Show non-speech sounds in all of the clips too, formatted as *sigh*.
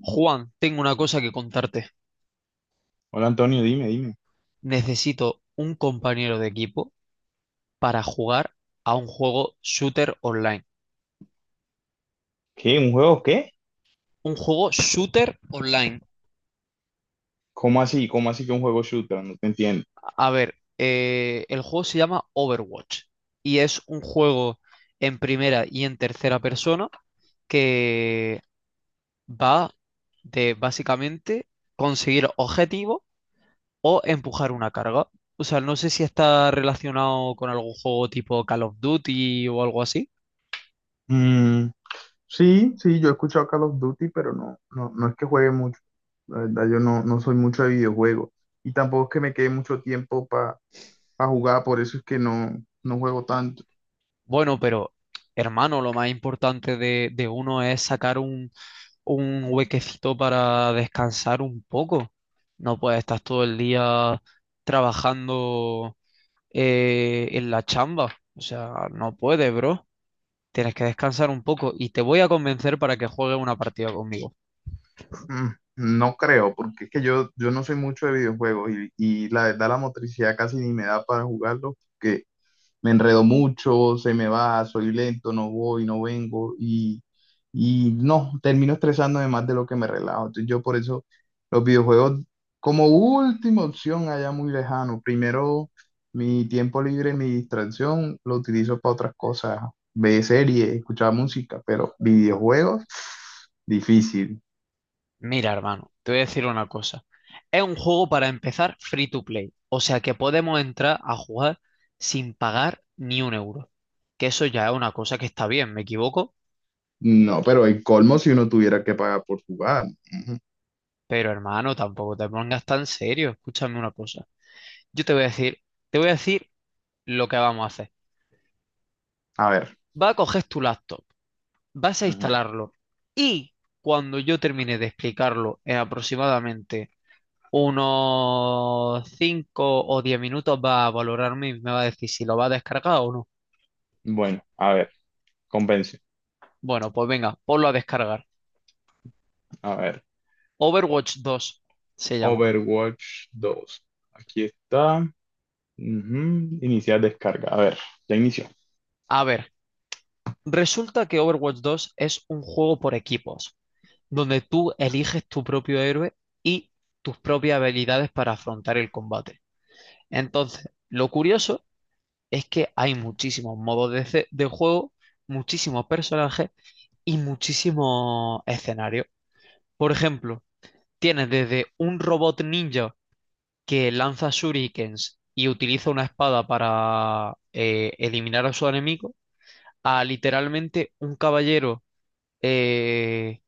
Juan, tengo una cosa que contarte. Hola, Antonio, dime, dime. Necesito un compañero de equipo para jugar a un juego shooter online. ¿Qué? ¿Un juego qué? Un juego shooter online. ¿Cómo así? ¿Cómo así que un juego shooter? No te entiendo. A ver, el juego se llama Overwatch y es un juego en primera y en tercera persona que va de básicamente conseguir objetivos o empujar una carga. O sea, no sé si está relacionado con algún juego tipo Call of Duty o algo así. Mm, sí, sí, yo he escuchado Call of Duty, pero no, no, no es que juegue mucho. La verdad, yo no, no soy mucho de videojuegos. Y tampoco es que me quede mucho tiempo para jugar, por eso es que no, no juego tanto. Bueno, pero hermano, lo más importante de uno es sacar un huequecito para descansar un poco. No puedes estar todo el día trabajando en la chamba. O sea, no puedes, bro. Tienes que descansar un poco y te voy a convencer para que juegues una partida conmigo. Mm, no creo, porque es que yo no soy mucho de videojuegos y la verdad la motricidad casi ni me da para jugarlo, me enredo mucho, se me va, soy lento, no voy, no vengo y no, termino estresándome más de lo que me relajo. Entonces yo por eso los videojuegos como última opción allá muy lejano. Primero mi tiempo libre, mi distracción, lo utilizo para otras cosas, ver series, escuchar música, pero videojuegos, difícil. Mira, hermano, te voy a decir una cosa. Es un juego para empezar free to play, o sea que podemos entrar a jugar sin pagar ni un euro. Que eso ya es una cosa que está bien, me equivoco, No, pero el colmo si uno tuviera que pagar por jugar. Ujú. pero hermano, tampoco te pongas tan serio. Escúchame una cosa. Yo te voy a decir, te voy a decir lo que vamos a hacer. A ver, Vas a coger tu laptop, vas a instalarlo y cuando yo termine de explicarlo en aproximadamente unos 5 o 10 minutos va a valorarme y me va a decir si lo va a descargar o no. bueno, a ver, convence, Bueno, pues venga, ponlo a descargar. a ver. Overwatch dos se llama. Overwatch dos. Aquí está. Ujú, iniciar descarga. A ver, ya inició. A ver, resulta que Overwatch dos es un juego por equipos, donde tú eliges tu propio héroe y tus propias habilidades para afrontar el combate. Entonces, lo curioso es que hay muchísimos modos de juego, muchísimos personajes y muchísimos escenarios. Por ejemplo, tienes desde un robot ninja que lanza shurikens y utiliza una espada para eliminar a su enemigo, a literalmente un caballero eh,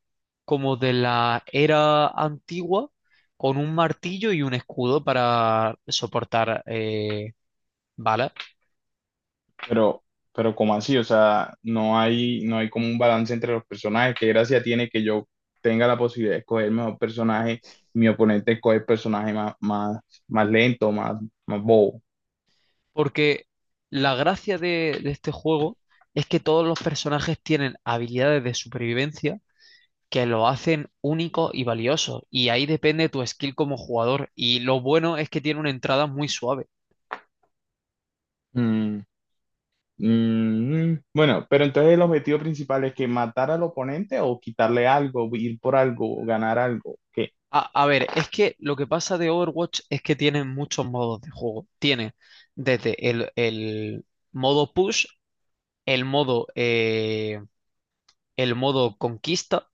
como de la era antigua con un martillo y un escudo para soportar balas. Pero, pero ¿cómo así? O sea, no hay, no hay como un balance entre los personajes. ¿Qué gracia tiene que yo tenga la posibilidad de escoger el mejor personaje y mi oponente escoge el personaje más, más, más lento, más, más bobo? Porque la gracia de este juego es que todos los personajes tienen habilidades de supervivencia que lo hacen único y valioso. Y ahí depende tu skill como jugador. Y lo bueno es que tiene una entrada muy suave. Mm, mm, bueno, pero entonces el objetivo principal es que matar al oponente o quitarle algo, ir por algo, ganar algo. ¿Qué? A ver, es que lo que pasa de Overwatch es que tiene muchos modos de juego. Tiene desde el modo push, el modo, eh, el modo conquista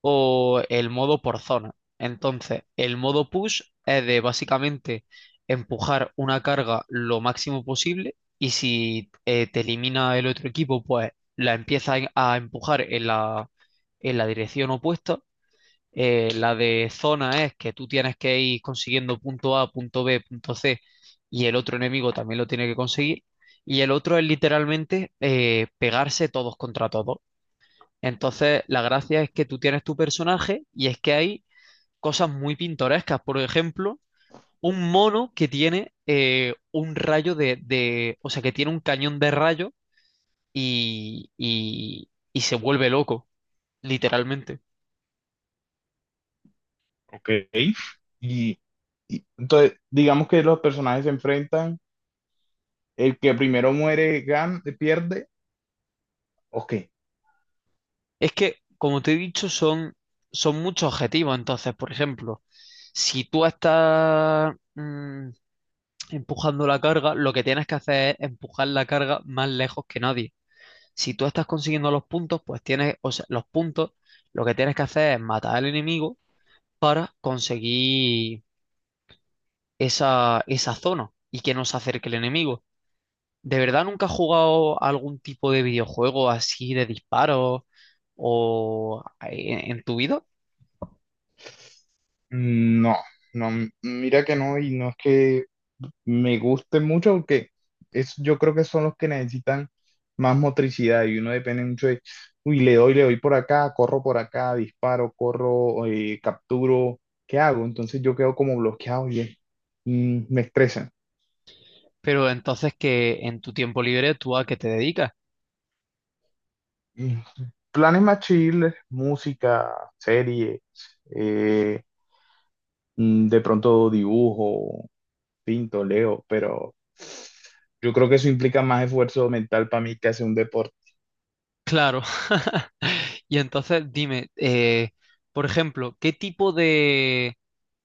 o el modo por zona. Entonces, el modo push es de básicamente empujar una carga lo máximo posible y si te elimina el otro equipo, pues la empieza a empujar en en la dirección opuesta. La de zona es que tú tienes que ir consiguiendo punto A, punto B, punto C y el otro enemigo también lo tiene que conseguir. Y el otro es literalmente pegarse todos contra todos. Entonces, la gracia es que tú tienes tu personaje y es que hay cosas muy pintorescas. Por ejemplo, un mono que tiene un rayo o sea, que tiene un cañón de rayo y se vuelve loco, literalmente. Ok. Y, y entonces, digamos que los personajes se enfrentan, el que primero muere gan pierde, ok. Es que, como te he dicho, son muchos objetivos. Entonces, por ejemplo, si tú estás empujando la carga, lo que tienes que hacer es empujar la carga más lejos que nadie. Si tú estás consiguiendo los puntos, pues tienes, o sea, los puntos, lo que tienes que hacer es matar al enemigo para conseguir esa zona y que no se acerque el enemigo. ¿De verdad nunca has jugado algún tipo de videojuego así de disparos o en tu vida? No, no, mira que no, y no es que me guste mucho, porque es, yo creo que son los que necesitan más motricidad y uno depende mucho de, uy, le doy por acá, corro por acá, disparo, corro, capturo, ¿qué hago? Entonces yo quedo como bloqueado y es- mm, me estresa. Pero entonces que en tu tiempo libre tú a qué te dedicas. Y planes más chill, música, series, eh, mm, de pronto dibujo, pinto, leo, pero yo creo que eso implica más esfuerzo mental para mí que hacer un deporte. Claro. *laughs* Y entonces dime, por ejemplo, ¿qué tipo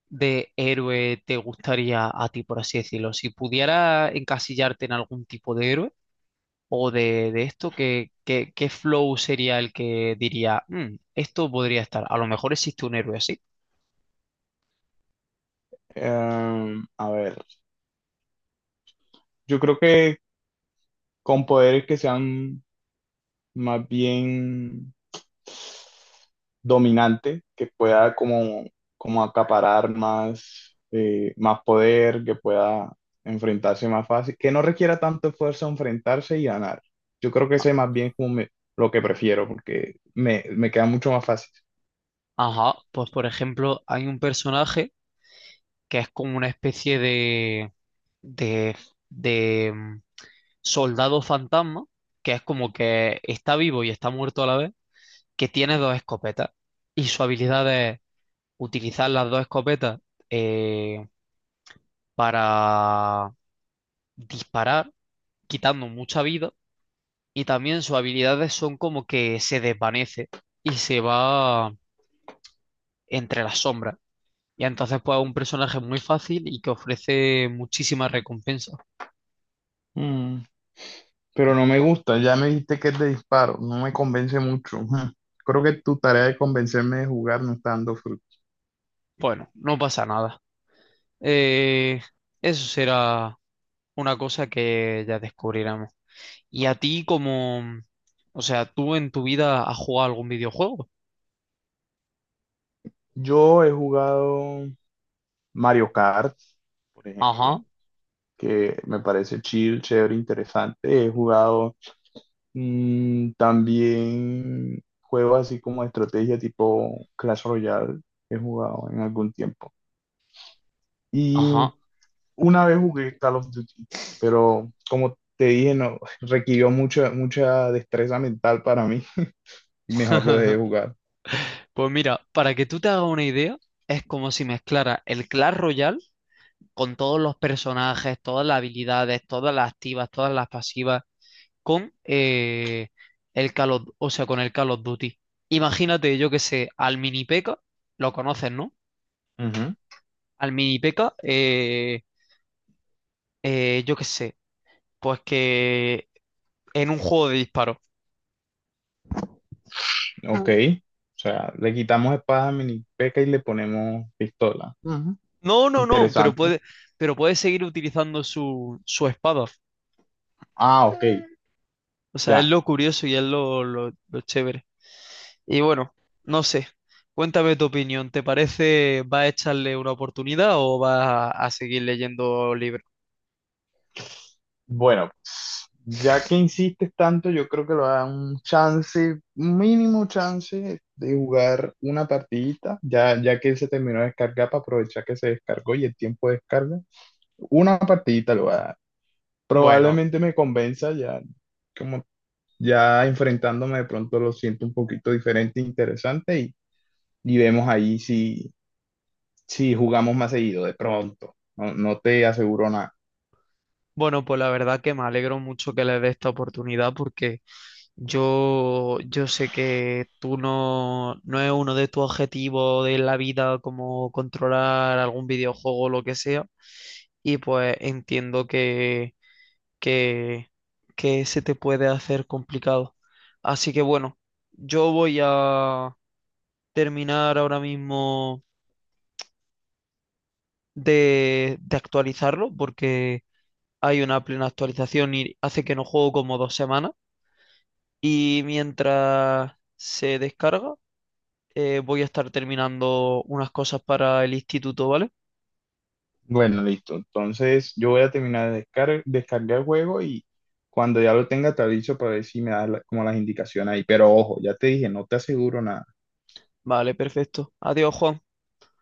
de héroe te gustaría a ti, por así decirlo? Si pudiera encasillarte en algún tipo de héroe o de esto, ¿ qué flow sería el que diría, "Mm, esto podría estar"? A lo mejor existe un héroe así. A ver, yo creo que con poderes que sean más bien dominante que pueda como, como acaparar más, más poder, que pueda enfrentarse más fácil, que no requiera tanto esfuerzo enfrentarse y ganar. Yo creo que ese más bien es como me- lo que prefiero, porque me queda mucho más fácil. Ajá, pues por ejemplo, hay un personaje que es como una especie de, de soldado fantasma, que es como que está vivo y está muerto a la vez, que tiene dos escopetas y su habilidad es utilizar las dos escopetas eh, para disparar, quitando mucha vida. Y también sus habilidades son como que se desvanece y se va entre las sombras. Y entonces pues es un personaje muy fácil y que ofrece muchísimas recompensas. Mm, pero no me gusta, ya me dijiste que es de disparo, no me convence mucho. Mm, creo que tu tarea de convencerme de jugar no está dando fruto. Bueno, no pasa nada. Eh, eso será una cosa que ya descubriremos. ¿Y a ti como... o sea, tú en tu vida has jugado algún videojuego? Yo he jugado Mario Kart, por ejemplo. Ajá, Que me parece chill, chévere, interesante. He jugado mm, también juegos así como de estrategia tipo Clash Royale, he jugado en algún tiempo. Y ajá. una vez jugué Call of Duty, pero como te dije, no, *laughs* requirió mucha, mucha destreza mental para mí *laughs* y mejor lo dejé de jugar. Pues mira, para que tú te hagas una idea, es como si mezclara el Clash Royale con todos los personajes, todas las habilidades, todas las activas, todas las pasivas, con el Call of, o sea, con el Call of Duty. Imagínate, yo que sé, al Mini P.E.K.K.A, lo conoces, ¿no? Ujú. Al Mini P.E.K.K.A, yo que sé, pues que en un juego de disparos. Ok, Mm. o sea, le quitamos espada a Mini P.E.K.K.A y le ponemos pistola. Ujú. No, no, no, Interesante. Pero puede seguir utilizando su espada. Ah, ok, O sea, es ya. lo curioso y es lo chévere. Y bueno, no sé, cuéntame tu opinión. ¿Te parece, va a echarle una oportunidad o va a seguir leyendo libros? Bueno, pues, ya que insistes tanto, yo creo que lo da un chance, un mínimo chance de jugar una partidita, ya, ya que él se terminó de descargar para aprovechar que se descargó y el tiempo de descarga. Una partidita lo va a dar. Bueno, Probablemente me convenza ya, como ya enfrentándome de pronto lo siento un poquito diferente, interesante y vemos ahí si, si jugamos más seguido de pronto. No, no te aseguro. bueno, pues la verdad que me alegro mucho que le dé esta oportunidad porque yo sé que tú no, no es uno de tus objetivos de la vida como controlar algún videojuego o lo que sea. Y pues entiendo que, que se te puede hacer complicado. Así que bueno, yo voy a terminar ahora mismo de actualizarlo porque hay una plena actualización y hace que no juego como dos semanas. Y mientras se descarga, voy a estar terminando unas cosas para el instituto, ¿vale? Bueno, listo. Entonces yo voy a terminar de descar- descargar el juego y cuando ya lo tenga te aviso para ver si me da la- como las indicaciones ahí. Pero ojo, ya te dije, no te aseguro nada. Vale, perfecto. Adiós, Juan.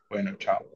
Bueno, chao.